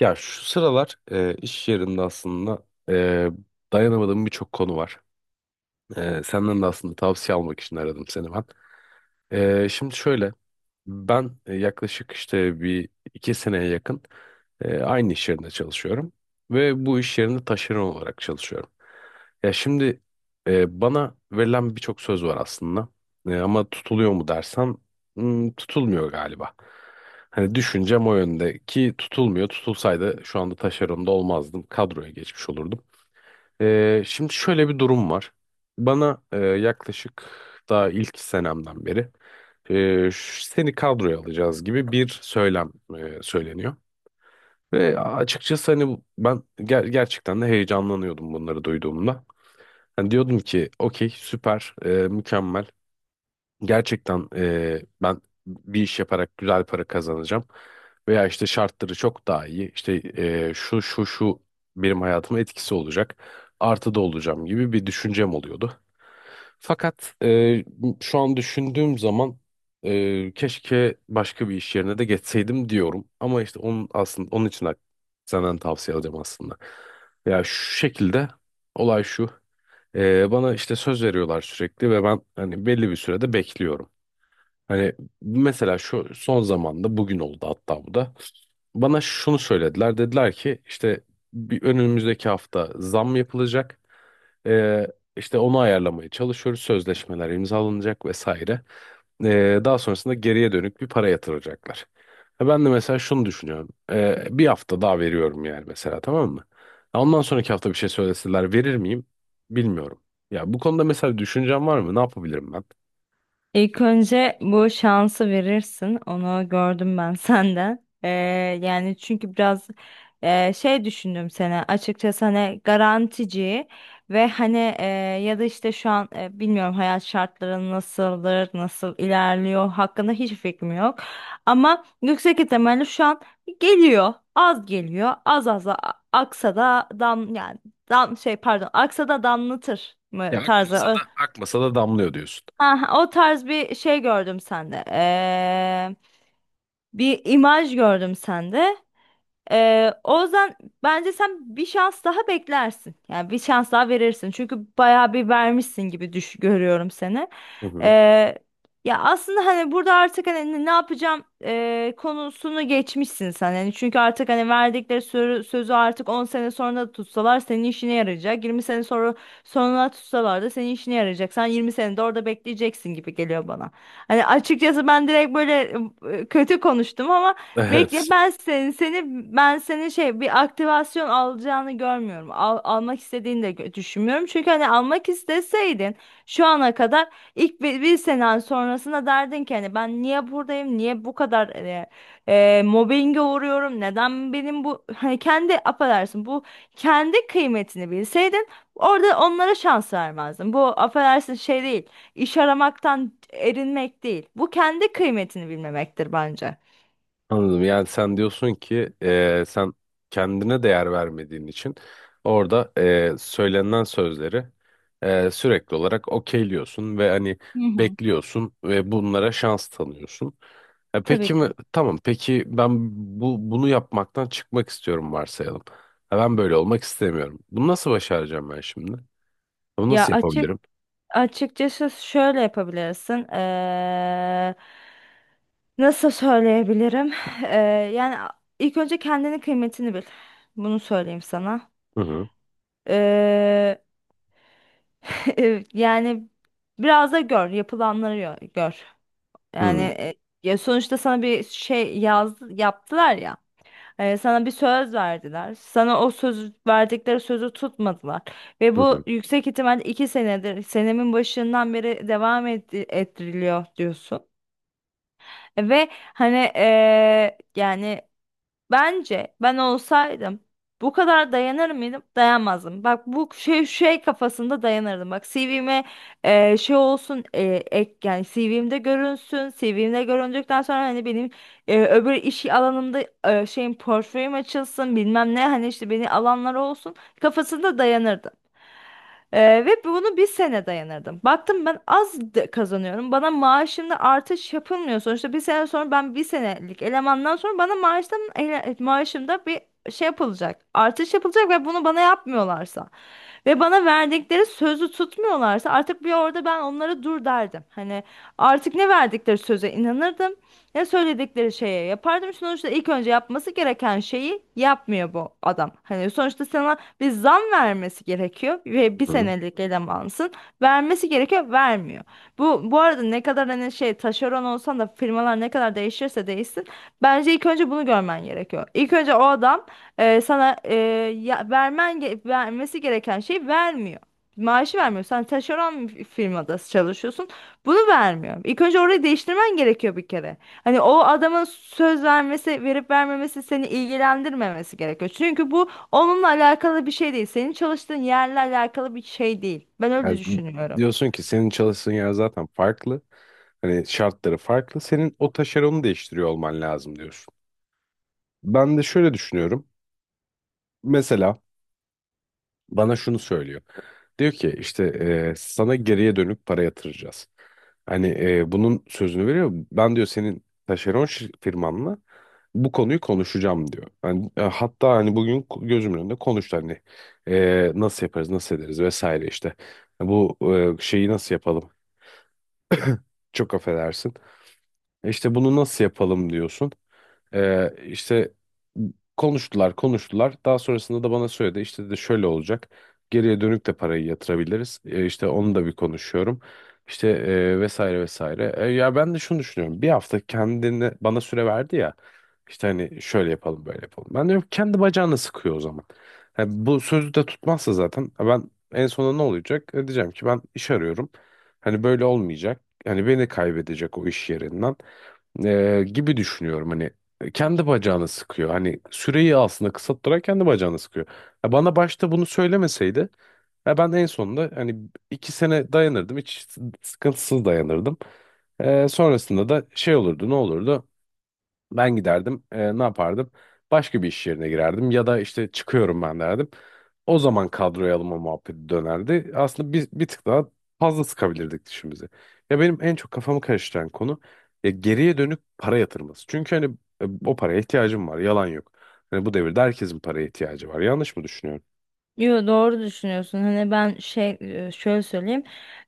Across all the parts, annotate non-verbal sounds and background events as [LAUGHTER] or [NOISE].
Ya şu sıralar iş yerinde aslında e, dayanamadığım birçok konu var. Senden de aslında tavsiye almak için aradım seni ben. Şimdi şöyle ben yaklaşık işte bir iki seneye yakın aynı iş yerinde çalışıyorum ve bu iş yerinde taşeron olarak çalışıyorum. Ya şimdi bana verilen birçok söz var aslında. Ama tutuluyor mu dersen tutulmuyor galiba. Hani düşüncem o yönde ki tutulmuyor. Tutulsaydı şu anda taşeronda olmazdım. Kadroya geçmiş olurdum. Şimdi şöyle bir durum var. Bana yaklaşık daha ilk senemden beri seni kadroya alacağız gibi bir söylem söyleniyor. Ve açıkçası hani ben gerçekten de heyecanlanıyordum bunları duyduğumda. Hani diyordum ki okey süper mükemmel gerçekten ben bir iş yaparak güzel para kazanacağım veya işte şartları çok daha iyi işte şu şu şu benim hayatıma etkisi olacak artıda olacağım gibi bir düşüncem oluyordu. Fakat şu an düşündüğüm zaman keşke başka bir iş yerine de geçseydim diyorum ama işte onun aslında onun için de senden tavsiye alacağım aslında. Ya şu şekilde olay şu. Bana işte söz veriyorlar sürekli ve ben hani belli bir sürede bekliyorum. Hani mesela şu son zamanda bugün oldu hatta bu da. Bana şunu söylediler. Dediler ki işte bir önümüzdeki hafta zam yapılacak. Ee, işte onu ayarlamaya çalışıyoruz. Sözleşmeler imzalanacak vesaire. Daha sonrasında geriye dönük bir para yatıracaklar. Ha, ben de mesela şunu düşünüyorum. Bir hafta daha veriyorum yani mesela tamam mı? Ha, ondan sonraki hafta bir şey söyleseler verir miyim? Bilmiyorum. Ya bu konuda mesela bir düşüncen var mı? Ne yapabilirim? İlk önce bu şansı verirsin. Onu gördüm ben [LAUGHS] senden. Yani çünkü biraz şey düşündüm sana. Açıkçası hani garantici ve hani ya da işte şu an bilmiyorum hayat şartları nasıldır, nasıl ilerliyor hakkında hiç fikrim yok. Ama yüksek ihtimalle şu an geliyor. Az geliyor. Aksa da dam yani dam şey pardon aksa da damlatır mı Ya akmasa tarzı. da akmasa da damlıyor diyorsun. Ha, o tarz bir şey gördüm sende. Bir imaj gördüm sende. O yüzden bence sen bir şans daha beklersin. Yani bir şans daha verirsin. Çünkü bayağı bir vermişsin gibi düş görüyorum seni. Hı hı. Ee, Ya aslında hani burada artık hani ne yapacağım konusunu geçmişsin sen. Yani çünkü artık hani verdikleri sözü artık 10 sene sonra da tutsalar senin işine yarayacak. Yirmi sene sonra tutsalar da senin işine yarayacak. Sen 20 sene de orada bekleyeceksin gibi geliyor bana. Hani açıkçası ben direkt böyle kötü konuştum ama. Bekle Evet, ben seni, seni Ben seni bir aktivasyon alacağını görmüyorum. Almak istediğini de düşünmüyorum. Çünkü hani almak isteseydin şu ana kadar ilk bir sene sonrasında derdin ki hani ben niye buradayım? Niye bu kadar mobbinge uğruyorum? Neden benim bu [LAUGHS] hani kendi affedersin bu kendi kıymetini bilseydin orada onlara şans vermezdin. Bu affedersin şey değil. İş aramaktan erinmek değil. Bu kendi kıymetini bilmemektir bence. anladım. Yani sen diyorsun ki sen kendine değer vermediğin için orada söylenen sözleri sürekli olarak okeyliyorsun ve hani Hı hı. bekliyorsun ve bunlara şans tanıyorsun. Peki Tabii ki. mi? Tamam. Peki ben bunu yapmaktan çıkmak istiyorum varsayalım. Ha, ben böyle olmak istemiyorum. Bunu nasıl başaracağım ben şimdi? Bunu Ya nasıl açık yapabilirim? Açıkçası şöyle yapabilirsin. Nasıl söyleyebilirim? Ee, yani a- ilk önce kendinin kıymetini bil. Bunu söyleyeyim sana. Hı hı. Ee, [LAUGHS] Yani biraz da gör, gör. Hı Yani hı. e, Ya sonuçta sana bir şey yaptılar ya. Sana bir söz verdiler. Sana o söz verdikleri sözü tutmadılar. Ve bu yüksek ihtimal iki senedir, senemin başından beri devam ettiriliyor diyorsun. Ve hani bence ben olsaydım bu kadar dayanır mıydım? Dayanmazdım. Bak bu kafasında dayanırdım. Bak CV'me e, şey olsun e, ek yani CV'mde görünsün. CV'mde göründükten sonra hani benim öbür iş alanımda e, şeyin portföyüm açılsın bilmem ne hani işte beni alanlar olsun kafasında dayanırdım. Ve bunu bir sene dayanırdım. Baktım ben kazanıyorum. Bana maaşımda artış yapılmıyor. Sonuçta bir sene sonra ben bir senelik elemandan sonra bana maaşımda bir şey yapılacak. Artış yapılacak ve bunu bana yapmıyorlarsa ve bana verdikleri sözü tutmuyorlarsa artık bir orada ben onlara dur derdim. Hani artık ne verdikleri söze inanırdım. Ne söyledikleri şeye yapardım. Sonuçta ilk önce yapması gereken şeyi yapmıyor bu adam. Hani sonuçta sen bir zam vermesi gerekiyor ve Hı bir hı. senelik elemansın. Vermesi gerekiyor, vermiyor. Bu arada ne kadar hani şey taşeron olsan da firmalar ne kadar değişirse değişsin bence ilk önce bunu görmen gerekiyor. İlk önce o adam e, sana e, ya, vermen ge- vermesi gereken şeyi vermiyor. Maaşı vermiyor. Sen taşeron bir firmada çalışıyorsun. Bunu vermiyor. İlk önce orayı değiştirmen gerekiyor bir kere. Hani o adamın söz vermesi, verip vermemesi seni ilgilendirmemesi gerekiyor. Çünkü bu onunla alakalı bir şey değil. Senin çalıştığın yerle alakalı bir şey değil. Ben öyle Yani düşünüyorum. diyorsun ki senin çalıştığın yer zaten farklı. Hani şartları farklı. Senin o taşeronu değiştiriyor olman lazım diyorsun. Ben de şöyle düşünüyorum. Mesela bana şunu söylüyor. Diyor ki işte sana geriye dönük para yatıracağız. Hani bunun sözünü veriyor. Ben diyor senin taşeron firmanla bu konuyu konuşacağım diyor. Yani, hatta hani bugün gözümün önünde konuştu hani nasıl yaparız nasıl ederiz vesaire işte. Bu şeyi nasıl yapalım? Çok affedersin. İşte bunu nasıl yapalım diyorsun. İşte konuştular konuştular. Daha sonrasında da bana söyledi işte de şöyle olacak. Geriye dönük de parayı yatırabiliriz. İşte onu da bir konuşuyorum. İşte vesaire vesaire. Ya ben de şunu düşünüyorum. Bir hafta kendine bana süre verdi ya. İşte hani şöyle yapalım böyle yapalım. Ben diyorum ki kendi bacağını sıkıyor o zaman. Yani bu sözü de tutmazsa zaten ha ben en sonunda ne olacak? Diyeceğim ki ben iş arıyorum. Hani böyle olmayacak. Hani beni kaybedecek o iş yerinden. Gibi düşünüyorum hani kendi bacağını sıkıyor. Hani süreyi aslında kısalttırarak kendi bacağını sıkıyor. Ya bana başta bunu söylemeseydi ya ben en sonunda hani 2 sene dayanırdım. Hiç sıkıntısız dayanırdım. Sonrasında da şey olurdu ne olurdu? Ben giderdim. Ne yapardım? Başka bir iş yerine girerdim ya da işte çıkıyorum ben derdim. O zaman kadroya alınma muhabbeti dönerdi. Aslında bir tık daha fazla sıkabilirdik dişimizi. Ya benim en çok kafamı karıştıran konu ya geriye dönük para yatırması. Çünkü hani o paraya ihtiyacım var. Yalan yok. Hani bu devirde herkesin paraya ihtiyacı var. Yanlış mı düşünüyorum? Yo, doğru düşünüyorsun. Hani ben şöyle söyleyeyim.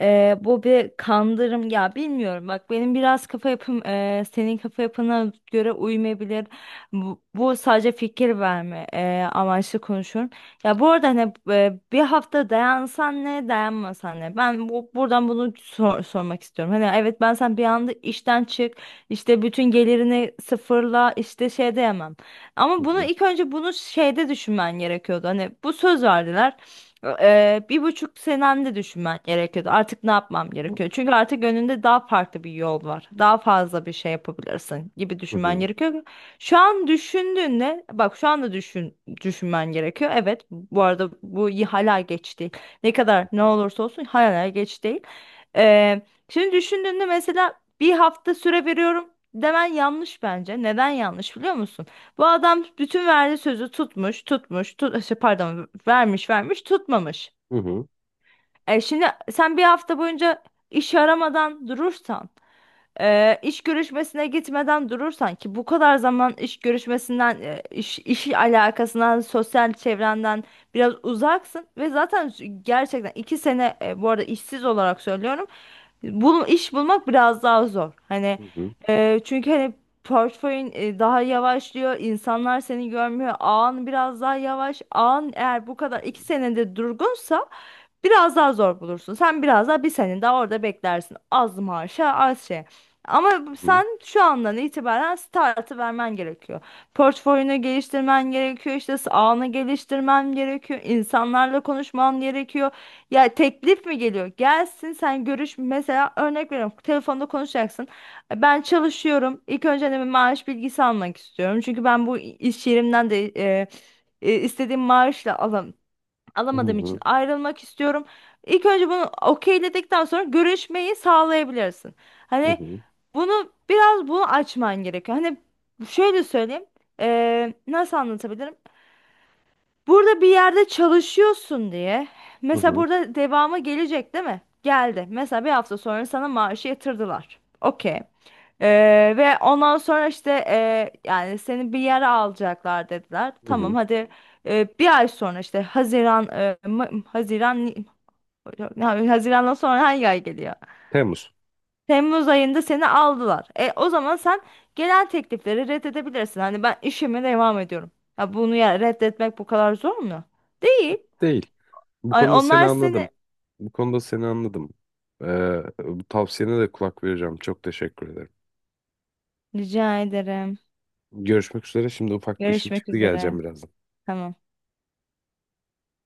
Bu bir kandırım ya bilmiyorum. Bak benim biraz kafa yapım senin kafa yapına göre uymayabilir. Bu sadece fikir verme amaçlı konuşuyorum. Ya bu arada hani bir hafta dayansan ne dayanmasan ne. Ben buradan bunu sormak istiyorum. Hani evet sen bir anda işten çık işte bütün gelirini sıfırla işte şey diyemem. Hı Ama bunu hı. ilk önce bunu şeyde düşünmen gerekiyordu. Hani bu söz verdiler. Bir buçuk senemde düşünmen gerekiyordu. Artık ne yapmam gerekiyor? Çünkü artık önünde daha farklı bir yol var. Daha fazla bir şey yapabilirsin gibi Hı düşünmen hı. gerekiyor. Şu an düşündüğünde bak şu anda düşünmen gerekiyor. Evet bu arada hala geç değil. Ne kadar ne olursa olsun hala geç değil. Eee, Şimdi düşündüğünde mesela bir hafta süre veriyorum demen yanlış bence. Neden yanlış biliyor musun? Bu adam bütün verdiği sözü tutmuş, tutmuş, tut, şey, pardon vermiş, tutmamış. Hı hı. Hı hı. Şimdi sen bir hafta boyunca iş aramadan durursan, iş görüşmesine gitmeden durursan ki bu kadar zaman iş görüşmesinden, iş alakasından, sosyal çevrenden biraz uzaksın ve zaten gerçekten iki sene, bu arada işsiz olarak söylüyorum. İş bulmak biraz daha zor. Hani Hı hı. e, çünkü hani portföyün daha yavaşlıyor. İnsanlar seni görmüyor. Ağın biraz daha yavaş. Ağın eğer bu kadar iki senede durgunsa biraz daha zor bulursun. Sen biraz daha bir sene daha orada beklersin. Az maaşa az şey. Ama Hı hı. sen şu andan itibaren startı vermen gerekiyor. Portföyünü geliştirmen gerekiyor. İşte ağını geliştirmen gerekiyor. İnsanlarla konuşman gerekiyor. Ya teklif mi geliyor? Gelsin sen görüş mesela örnek veriyorum telefonda konuşacaksın. Ben çalışıyorum. İlk önce de bir maaş bilgisi almak istiyorum. Çünkü ben bu iş yerimden de istediğim maaşla Hı alamadığım için hı. ayrılmak istiyorum. İlk önce bunu okeyledikten sonra görüşmeyi sağlayabilirsin. Hani bunu biraz açman gerekiyor. Hani şöyle söyleyeyim. Nasıl anlatabilirim? Burada bir yerde çalışıyorsun diye. Hı Mesela hı. burada devamı gelecek değil mi? Geldi. Mesela bir hafta sonra sana maaşı yatırdılar. Okey. Ve ondan sonra işte yani seni bir yere alacaklar dediler. Hı Tamam hı. hadi bir ay sonra işte Haziran ya, Haziran'dan sonra hangi ay geliyor? Temmuz. Temmuz ayında seni aldılar. E, o zaman sen gelen teklifleri reddedebilirsin. Hani ben işime devam ediyorum. Ya bunu ya reddetmek bu kadar zor mu? Değil. Yok değil. Bu Ay konuda seni onlar anladım. seni Bu konuda seni anladım. Bu tavsiyene de kulak vereceğim. Çok teşekkür ederim. rica ederim. Görüşmek üzere. Şimdi ufak bir işim Görüşmek çıktı. Geleceğim üzere. birazdan. Tamam.